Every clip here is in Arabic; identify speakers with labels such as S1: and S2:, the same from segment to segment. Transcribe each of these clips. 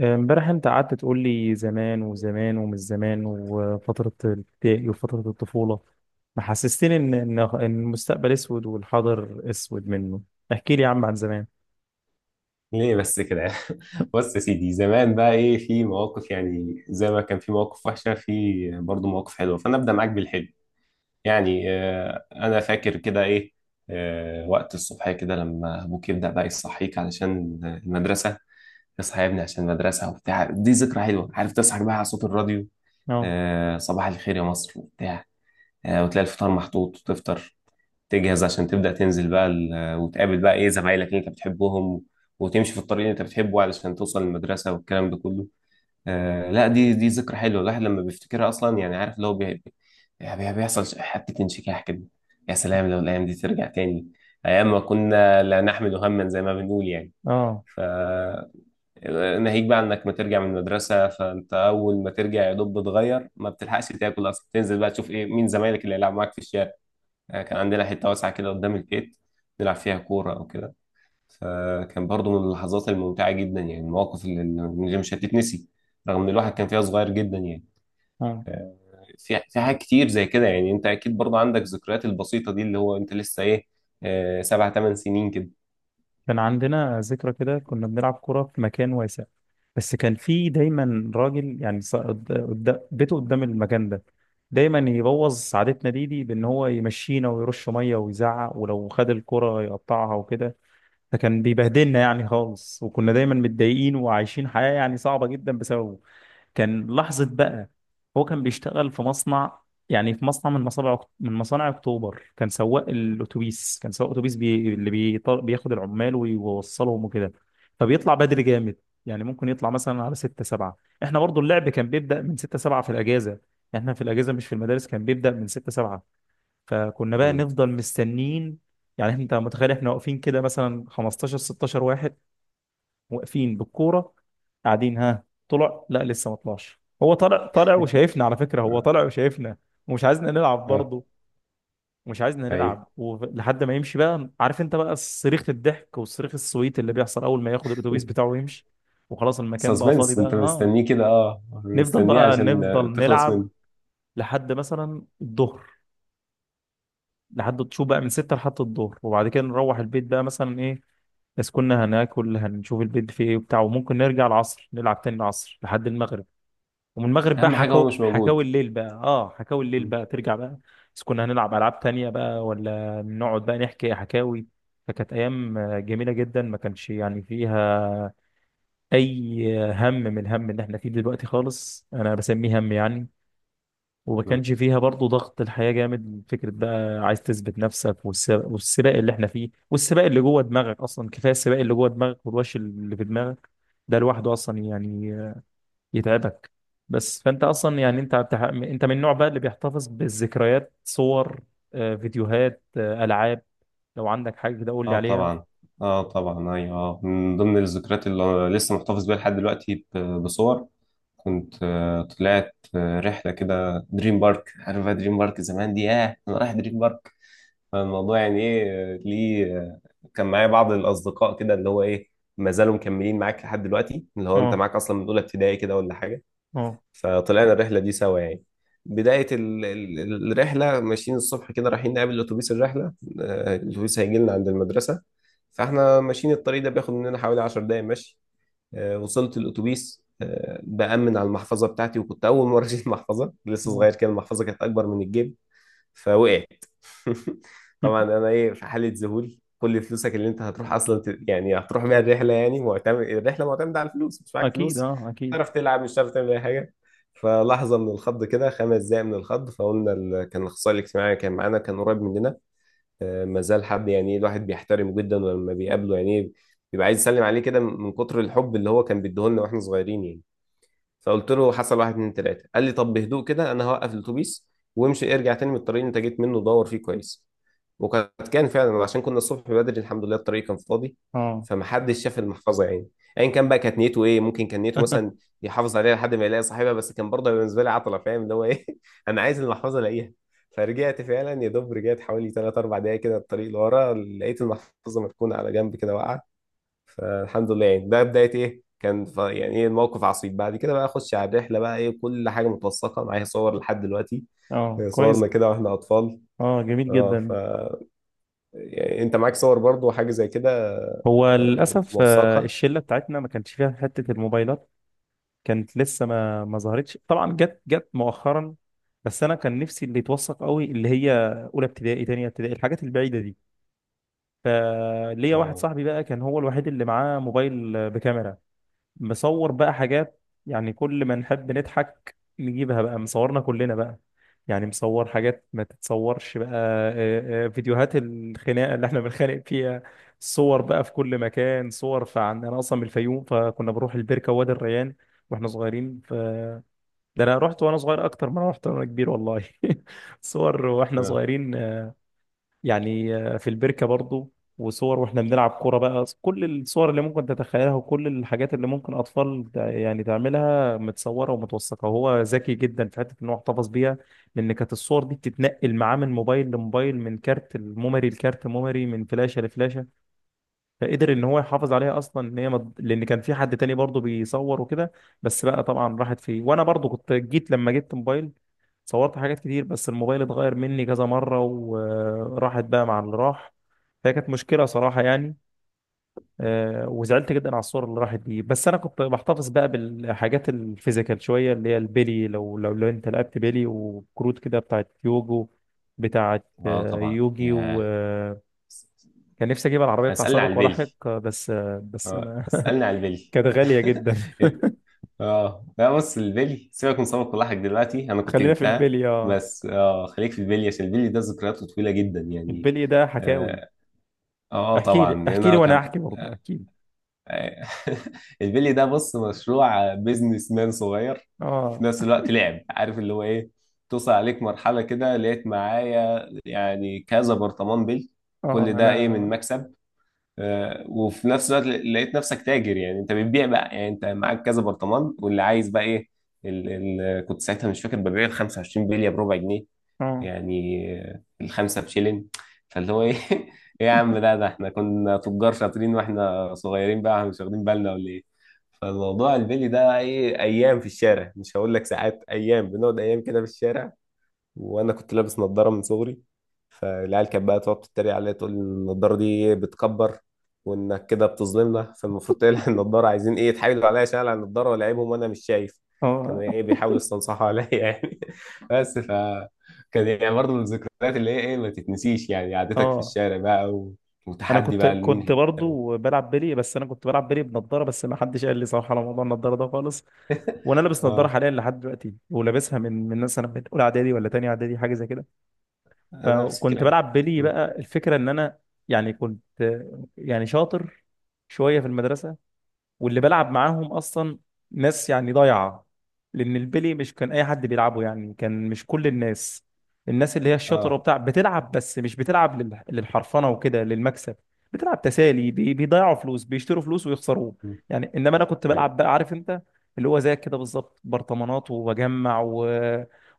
S1: امبارح انت قعدت تقول لي زمان وزمان ومش زمان وفترة الابتدائي وفترة الطفولة. محسستني ان ان إن المستقبل اسود والحاضر اسود منه. احكي لي يا عم عن زمان.
S2: ليه بس كده؟ بص يا سيدي، زمان بقى ايه، في مواقف يعني زي ما كان في مواقف وحشه، في برضه مواقف حلوه، فانا ابدا معاك بالحلو. يعني انا فاكر كده ايه. وقت الصبح كده لما ابوك يبدا بقى يصحيك علشان المدرسه، اصحى يا ابني عشان المدرسه وبتاع، دي ذكرى حلوه، عارف تصحى بقى على صوت الراديو،
S1: اه،
S2: صباح الخير يا مصر وبتاع. وتلاقي الفطار محطوط وتفطر، تجهز عشان تبدأ تنزل بقى، وتقابل بقى ايه زمايلك اللي انت بتحبهم، وتمشي في الطريق اللي انت بتحبه علشان توصل المدرسة والكلام ده كله. لا، دي ذكرى حلوة الواحد لما بيفتكرها أصلا، يعني عارف اللي هو بيحصل حتة انشكاح كده. يا سلام لو الأيام دي ترجع تاني، أيام ما كنا لا نحمل هما زي ما بنقول يعني.
S1: اه،
S2: ف ناهيك بقى انك ما ترجع من المدرسه، فانت اول ما ترجع يا دوب بتغير، ما بتلحقش تاكل اصلا، تنزل بقى تشوف ايه مين زمايلك اللي هيلعب معاك في الشارع. كان عندنا حتة واسعة كده قدام البيت، نلعب فيها كورة أو كده. فكان برضو من اللحظات الممتعة جدا يعني، المواقف اللي مش هتتنسي، رغم إن الواحد كان فيها صغير جدا يعني.
S1: اه.
S2: آه، في حاجات كتير زي كده، يعني أنت أكيد برضو عندك ذكريات البسيطة دي، اللي هو أنت لسه إيه، سبع تمن سنين كده.
S1: كان عندنا ذكرى كده، كنا بنلعب كرة في مكان واسع. بس كان في دايما راجل يعني بيته قدام المكان ده، دايما يبوظ سعادتنا دي بان هو يمشينا ويرش ميه ويزعق، ولو خد الكرة يقطعها وكده. فكان بيبهدلنا يعني خالص، وكنا دايما متضايقين وعايشين حياة يعني صعبة جدا بسببه. كان لحظة بقى. هو كان بيشتغل في مصنع، يعني في مصنع من مصانع اكتوبر. كان سواق الاتوبيس، كان سواق اتوبيس اللي بياخد العمال ويوصلهم وكده. فبيطلع بدري جامد، يعني ممكن يطلع مثلا على 6 7. احنا برضو اللعب كان بيبدأ من 6 7 في الأجازة. احنا في الأجازة مش في المدارس كان بيبدأ من 6 7. فكنا بقى
S2: مم.
S1: نفضل مستنين. يعني انت متخيل، احنا واقفين كده مثلا 15 16 واحد، واقفين بالكوره، قاعدين ها طلع لا لسه ما طلعش. هو طلع طلع وشايفنا، على فكره هو
S2: اه.
S1: طلع وشايفنا ومش عايزنا نلعب
S2: آه،
S1: برضه. ومش عايزنا
S2: ايوه.
S1: نلعب ولحد ما يمشي بقى، عارف انت بقى صريخ الضحك والصريخ السويت اللي بيحصل اول ما ياخد الاتوبيس بتاعه ويمشي. وخلاص المكان بقى فاضي
S2: سسبنس،
S1: بقى،
S2: أنت
S1: اه.
S2: مستنيه كده، أه
S1: نفضل
S2: مستنيه
S1: بقى
S2: عشان
S1: نفضل
S2: تخلص
S1: نلعب
S2: منه،
S1: لحد مثلا الظهر، لحد تشوف بقى من ستة لحد الظهر، وبعد كده نروح البيت بقى مثلا ايه. بس كنا هناكل هنشوف البيت فيه ايه وبتاع، وممكن نرجع العصر نلعب تاني العصر لحد المغرب. ومن المغرب بقى
S2: أهم حاجة هو
S1: حكاو
S2: مش
S1: حكاوي
S2: موجود.
S1: الليل بقى، اه حكاوي الليل بقى ترجع بقى. بس كنا هنلعب ألعاب تانية بقى، ولا نقعد بقى نحكي حكاوي. فكانت أيام جميلة جدا، ما كانش يعني فيها أي هم من الهم اللي احنا فيه دلوقتي خالص. أنا بسميه هم يعني. وما
S2: مم.
S1: كانش فيها برضه ضغط الحياة جامد، فكرة بقى عايز تثبت نفسك والسباق اللي احنا فيه، والسباق اللي جوه دماغك أصلا. كفاية السباق اللي جوه دماغك والوش اللي في دماغك. ده لوحده أصلا يعني يتعبك. بس فأنت أصلا يعني أنت أنت من النوع بقى اللي بيحتفظ بالذكريات، صور، فيديوهات، ألعاب. لو عندك حاجة كده قول لي
S2: اه
S1: عليها.
S2: طبعا. اه طبعا ايوه من ضمن الذكريات اللي لسه محتفظ بيها لحد دلوقتي، بصور. كنت طلعت رحله كده دريم بارك، عارف بقى دريم بارك زمان دي، ياه انا رايح دريم بارك. الموضوع يعني ايه، ليه كان معايا بعض الاصدقاء كده، اللي هو ايه ما زالوا مكملين معاك لحد دلوقتي، اللي هو انت
S1: اه،
S2: معاك اصلا من اولى ابتدائي كده ولا حاجه.
S1: اه،
S2: فطلعنا الرحلة دي سوا يعني. بداية الرحلة، ماشيين الصبح كده رايحين نقابل أتوبيس الرحلة. الأتوبيس هيجي لنا عند المدرسة، فاحنا ماشيين الطريق ده بياخد مننا حوالي 10 دقايق مشي. وصلت الأتوبيس، بأمن على المحفظة بتاعتي، وكنت أول مرة أشيل محفظة، لسه
S1: اه.
S2: صغير كده المحفظة كانت أكبر من الجيب، فوقعت. طبعا انا ايه، في حاله ذهول، كل فلوسك اللي انت هتروح اصلا يعني هتروح بيها الرحله، يعني معتمد الرحله معتمده على الفلوس، مش معاك
S1: اكيد،
S2: فلوس
S1: اه اكيد.
S2: تعرف تلعب، مش هتعرف تعمل اي حاجه. فلحظه من الخض كده، خمس دقايق من الخض، فقلنا كان الاخصائي الاجتماعي كان معانا، كان قريب مننا، ما زال حد يعني الواحد بيحترمه جدا، ولما بيقابله يعني بيبقى عايز يسلم عليه كده من كتر الحب اللي هو كان بيديهولنا واحنا صغيرين يعني. فقلت له حصل واحد اتنين تلاته، قال لي طب بهدوء كده انا هوقف الاتوبيس، وامشي ارجع تاني من الطريق اللي انت جيت منه دور فيه كويس. كان فعلا، عشان كنا الصبح بدري الحمد لله الطريق كان فاضي،
S1: اه
S2: فمحدش شاف المحفظه يعني. ايا كان بقى كانت نيته ايه، ممكن كان نيته مثلا يحافظ عليها لحد ما يلاقي صاحبها، بس كان برضه بالنسبه لي عطله، فاهم اللي هو ايه. انا عايز المحفظه الاقيها. فرجعت فعلا، يا دوب رجعت حوالي 3 4 دقايق كده الطريق لورا، لقيت المحفظه مركونه على جنب كده واقعه. فالحمد لله يعني، ده بداية ايه كان، يعني ايه الموقف عصيب، بعد كده بقى اخش على الرحلة بقى، ايه كل حاجة متوثقة معايا صور لحد دلوقتي.
S1: اه، كويس.
S2: صورنا كده واحنا اطفال.
S1: اه، جميل
S2: اه.
S1: جدا.
S2: يعني انت معاك صور برضو وحاجة زي كده،
S1: هو للأسف
S2: موثقها.
S1: الشلة بتاعتنا ما كانتش فيها حتة الموبايلات. كانت لسه ما ظهرتش طبعا، جت مؤخرا. بس أنا كان نفسي اللي يتوثق قوي اللي هي أولى ابتدائي، تانية ابتدائي، الحاجات البعيدة دي. فليا واحد
S2: اه
S1: صاحبي بقى كان هو الوحيد اللي معاه موبايل بكاميرا، مصور بقى حاجات. يعني كل ما نحب نضحك نجيبها بقى مصورنا كلنا بقى. يعني مصور حاجات ما تتصورش بقى، فيديوهات الخناقة اللي احنا بنتخانق فيها، صور بقى في كل مكان صور. فعن انا اصلا من الفيوم، فكنا بنروح البركة وادي الريان واحنا صغيرين. ف ده انا رحت وانا صغير اكتر ما انا رحت وانا كبير، والله. صور واحنا
S2: اه
S1: صغيرين، يعني في البركة برضو، وصور واحنا بنلعب كورة بقى. كل الصور اللي ممكن تتخيلها، وكل الحاجات اللي ممكن أطفال يعني تعملها متصورة ومتوثقة، وهو ذكي جدا في حتة إن هو احتفظ بيها. لأن كانت الصور دي بتتنقل معاه من موبايل لموبايل، من كارت الميموري لكارت ميموري، من فلاشة لفلاشة. فقدر ان هو يحافظ عليها اصلا ان هي لان كان في حد تاني برضه بيصور وكده. بس بقى طبعا راحت فيه. وانا برضه كنت جيت لما جبت موبايل، صورت حاجات كتير، بس الموبايل اتغير مني كذا مرة وراحت بقى مع اللي راح. فهي كانت مشكلة صراحة يعني. وزعلت جدا على الصور اللي راحت دي. بس انا كنت بحتفظ بقى بالحاجات الفيزيكال شوية، اللي هي البيلي. لو انت لعبت بيلي وكروت كده بتاعت يوجو، بتاعت
S2: اه طبعا
S1: يوجي.
S2: يا.
S1: كان نفسي اجيب العربيه بتاع
S2: اسألني على
S1: سابق ولاحق،
S2: البلي.
S1: بس بس
S2: اه
S1: ما.
S2: اسألني على البلي.
S1: كانت غاليه جدا.
S2: اه لا، بص، البلي سيبك من سمك ولاحك دلوقتي، انا كنت
S1: خلينا في
S2: جبتها.
S1: البلي، اه.
S2: بس اه خليك في البلي عشان البلي ده ذكرياته طويلة جدا يعني،
S1: البلي ده حكاوي.
S2: اه
S1: احكي
S2: طبعا.
S1: لي احكي لي
S2: هنا
S1: وانا
S2: كان.
S1: احكي برضه احكي لي.
S2: البلي ده بص مشروع بيزنس مان صغير، في
S1: اه
S2: نفس الوقت لعب، عارف اللي هو ايه. توصل عليك مرحلة كده، لقيت معايا يعني كذا برطمان بلي، كل
S1: اه
S2: ده ايه
S1: انا
S2: من مكسب. وفي نفس الوقت لقيت نفسك تاجر، يعني انت بتبيع بقى، يعني انت معاك كذا برطمان واللي عايز بقى ايه، ال كنت ساعتها مش فاكر ببيع ال 25 بلية بربع جنيه،
S1: اه
S2: يعني الخمسة بشيلين. فاللي هو ايه. ايه يا عم، ده احنا كنا تجار شاطرين واحنا صغيرين بقى، احنا مش واخدين بالنا ولا ايه؟ فالموضوع البيلي ده ايه، ايام في الشارع، مش هقول لك ساعات، ايام بنقعد ايام كده في الشارع. وانا كنت لابس نظاره من صغري، فالعيال كانت بقى تقعد تتريق عليا، تقول النضاره دي إيه، بتكبر، وانك كده بتظلمنا، فالمفروض تقلع النضاره. عايزين ايه، يتحايلوا عليا عشان اقلع النضاره ولاعبهم وانا مش شايف، كانوا
S1: اه
S2: ايه بيحاولوا يستنصحوا عليا يعني. بس كان يعني برضه من الذكريات اللي هي ايه ما تتنسيش، يعني قعدتك في
S1: اه
S2: الشارع بقى
S1: انا
S2: وتحدي
S1: كنت
S2: بقى لمين
S1: كنت
S2: هيكسب.
S1: برضه بلعب بلي. بس انا كنت بلعب بلي بنضاره، بس ما حدش قال لي صراحه على موضوع النضاره ده خالص. وانا لابس نضاره
S2: اه.
S1: حاليا لحد دلوقتي، ولابسها من مثلا من اولى اعدادي ولا تانية اعدادي حاجه زي كده.
S2: أنا نفس
S1: فكنت
S2: الكلام.
S1: بلعب بلي
S2: م.
S1: بقى، الفكره ان انا يعني كنت يعني شاطر شويه في المدرسه. واللي بلعب معاهم اصلا ناس يعني ضايعه، لان البلي مش كان اي حد بيلعبه يعني. كان مش كل الناس. الناس اللي هي الشاطره
S2: اه.
S1: وبتاع بتلعب، بس مش بتلعب للحرفنه وكده للمكسب، بتلعب تسالي. بيضيعوا فلوس، بيشتروا فلوس ويخسروه.
S2: م.
S1: يعني انما انا كنت
S2: ايوه.
S1: بلعب بقى، عارف انت اللي هو زيك كده بالظبط، برطمانات وبجمع، و...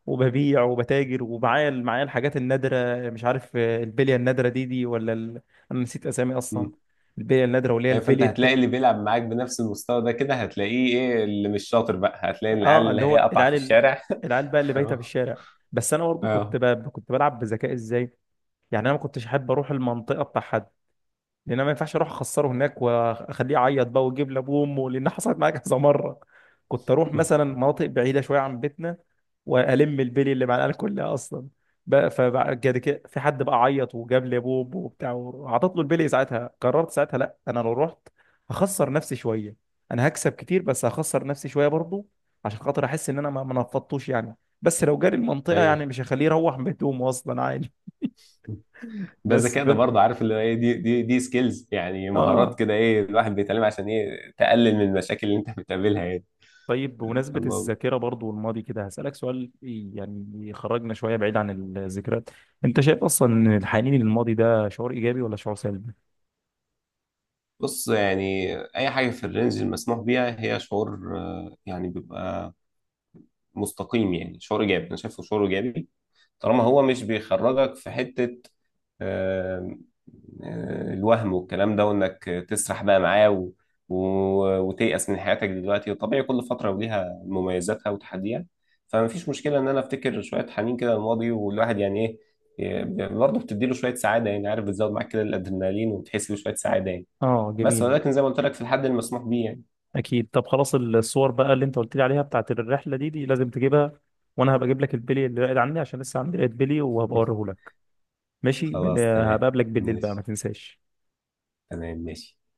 S1: وببيع وبتاجر، ومعايا معايا الحاجات النادره، مش عارف البليه النادره دي ولا ال... انا نسيت اسامي اصلا. البليه النادره واللي هي
S2: إيه، فانت
S1: البليه.
S2: هتلاقي اللي بيلعب معاك بنفس المستوى ده، كده هتلاقيه ايه، اللي مش شاطر بقى هتلاقي العيال
S1: اه،
S2: اللي
S1: اللي
S2: هي
S1: هو
S2: قطع
S1: العيال
S2: في الشارع.
S1: العيال بقى اللي بايته في
S2: اه
S1: الشارع. بس انا برضه كنت
S2: اه
S1: كنت بلعب بذكاء. ازاي يعني؟ انا ما كنتش احب اروح المنطقه بتاع حد، لان انا ما ينفعش اروح اخسره هناك واخليه يعيط بقى ويجيب لابوه وامه، لان حصلت معايا كذا مره. كنت اروح مثلا مناطق بعيده شويه عن بيتنا والم البلي اللي مع العيال كلها اصلا. بقى فبعد كده في حد بقى عيط وجاب لي ابوه وأمه وبتاع، وعطت له البلي ساعتها. قررت ساعتها لا انا لو رحت هخسر نفسي شويه. انا هكسب كتير بس هخسر نفسي شويه برضه، عشان خاطر احس ان انا ما نفضتوش يعني. بس لو جاري المنطقه يعني
S2: ايوه.
S1: مش هخليه يروح بهدومه اصلا عادي.
S2: ده
S1: بس
S2: ذكاء ده برضه، عارف اللي هو ايه، دي سكيلز، يعني مهارات
S1: اه،
S2: كده ايه، الواحد بيتعلمها عشان ايه تقلل من المشاكل اللي انت بتقابلها يعني.
S1: طيب، بمناسبة
S2: فالله.
S1: الذاكرة برضو والماضي كده، هسألك سؤال يعني يخرجنا شوية بعيد عن الذكريات. انت شايف اصلا ان الحنين للماضي ده شعور ايجابي ولا شعور سلبي؟
S2: بص، يعني اي حاجه في الرينج المسموح بيها هي شعور، يعني بيبقى مستقيم، يعني شعور ايجابي، انا شايفه شعور ايجابي، طالما هو مش بيخرجك في حتة آه، الوهم والكلام ده، وانك تسرح بقى معاه و... وتيأس من حياتك دلوقتي، وطبيعي كل فترة وليها مميزاتها وتحديها، فما فيش مشكلة ان انا افتكر شوية حنين كده الماضي، والواحد يعني ايه، برضه بتديله شوية سعادة يعني، عارف بتزود معاك كده الادرينالين وبتحس بشوية سعادة يعني.
S1: اه،
S2: بس
S1: جميل.
S2: ولكن زي ما قلت لك في الحد المسموح بيه يعني.
S1: اكيد، طب خلاص، الصور بقى اللي انت قلت لي عليها بتاعت الرحلة دي لازم تجيبها. وانا هبقى اجيب لك البلي اللي قاعد عندي، عشان لسه عندي لقيت بلي وهبقى اوريه لك. ماشي،
S2: خلاص
S1: هبقى
S2: تمام.
S1: اقابلك بالليل بقى، ما
S2: ماشي.
S1: تنساش.
S2: تمام ماشي.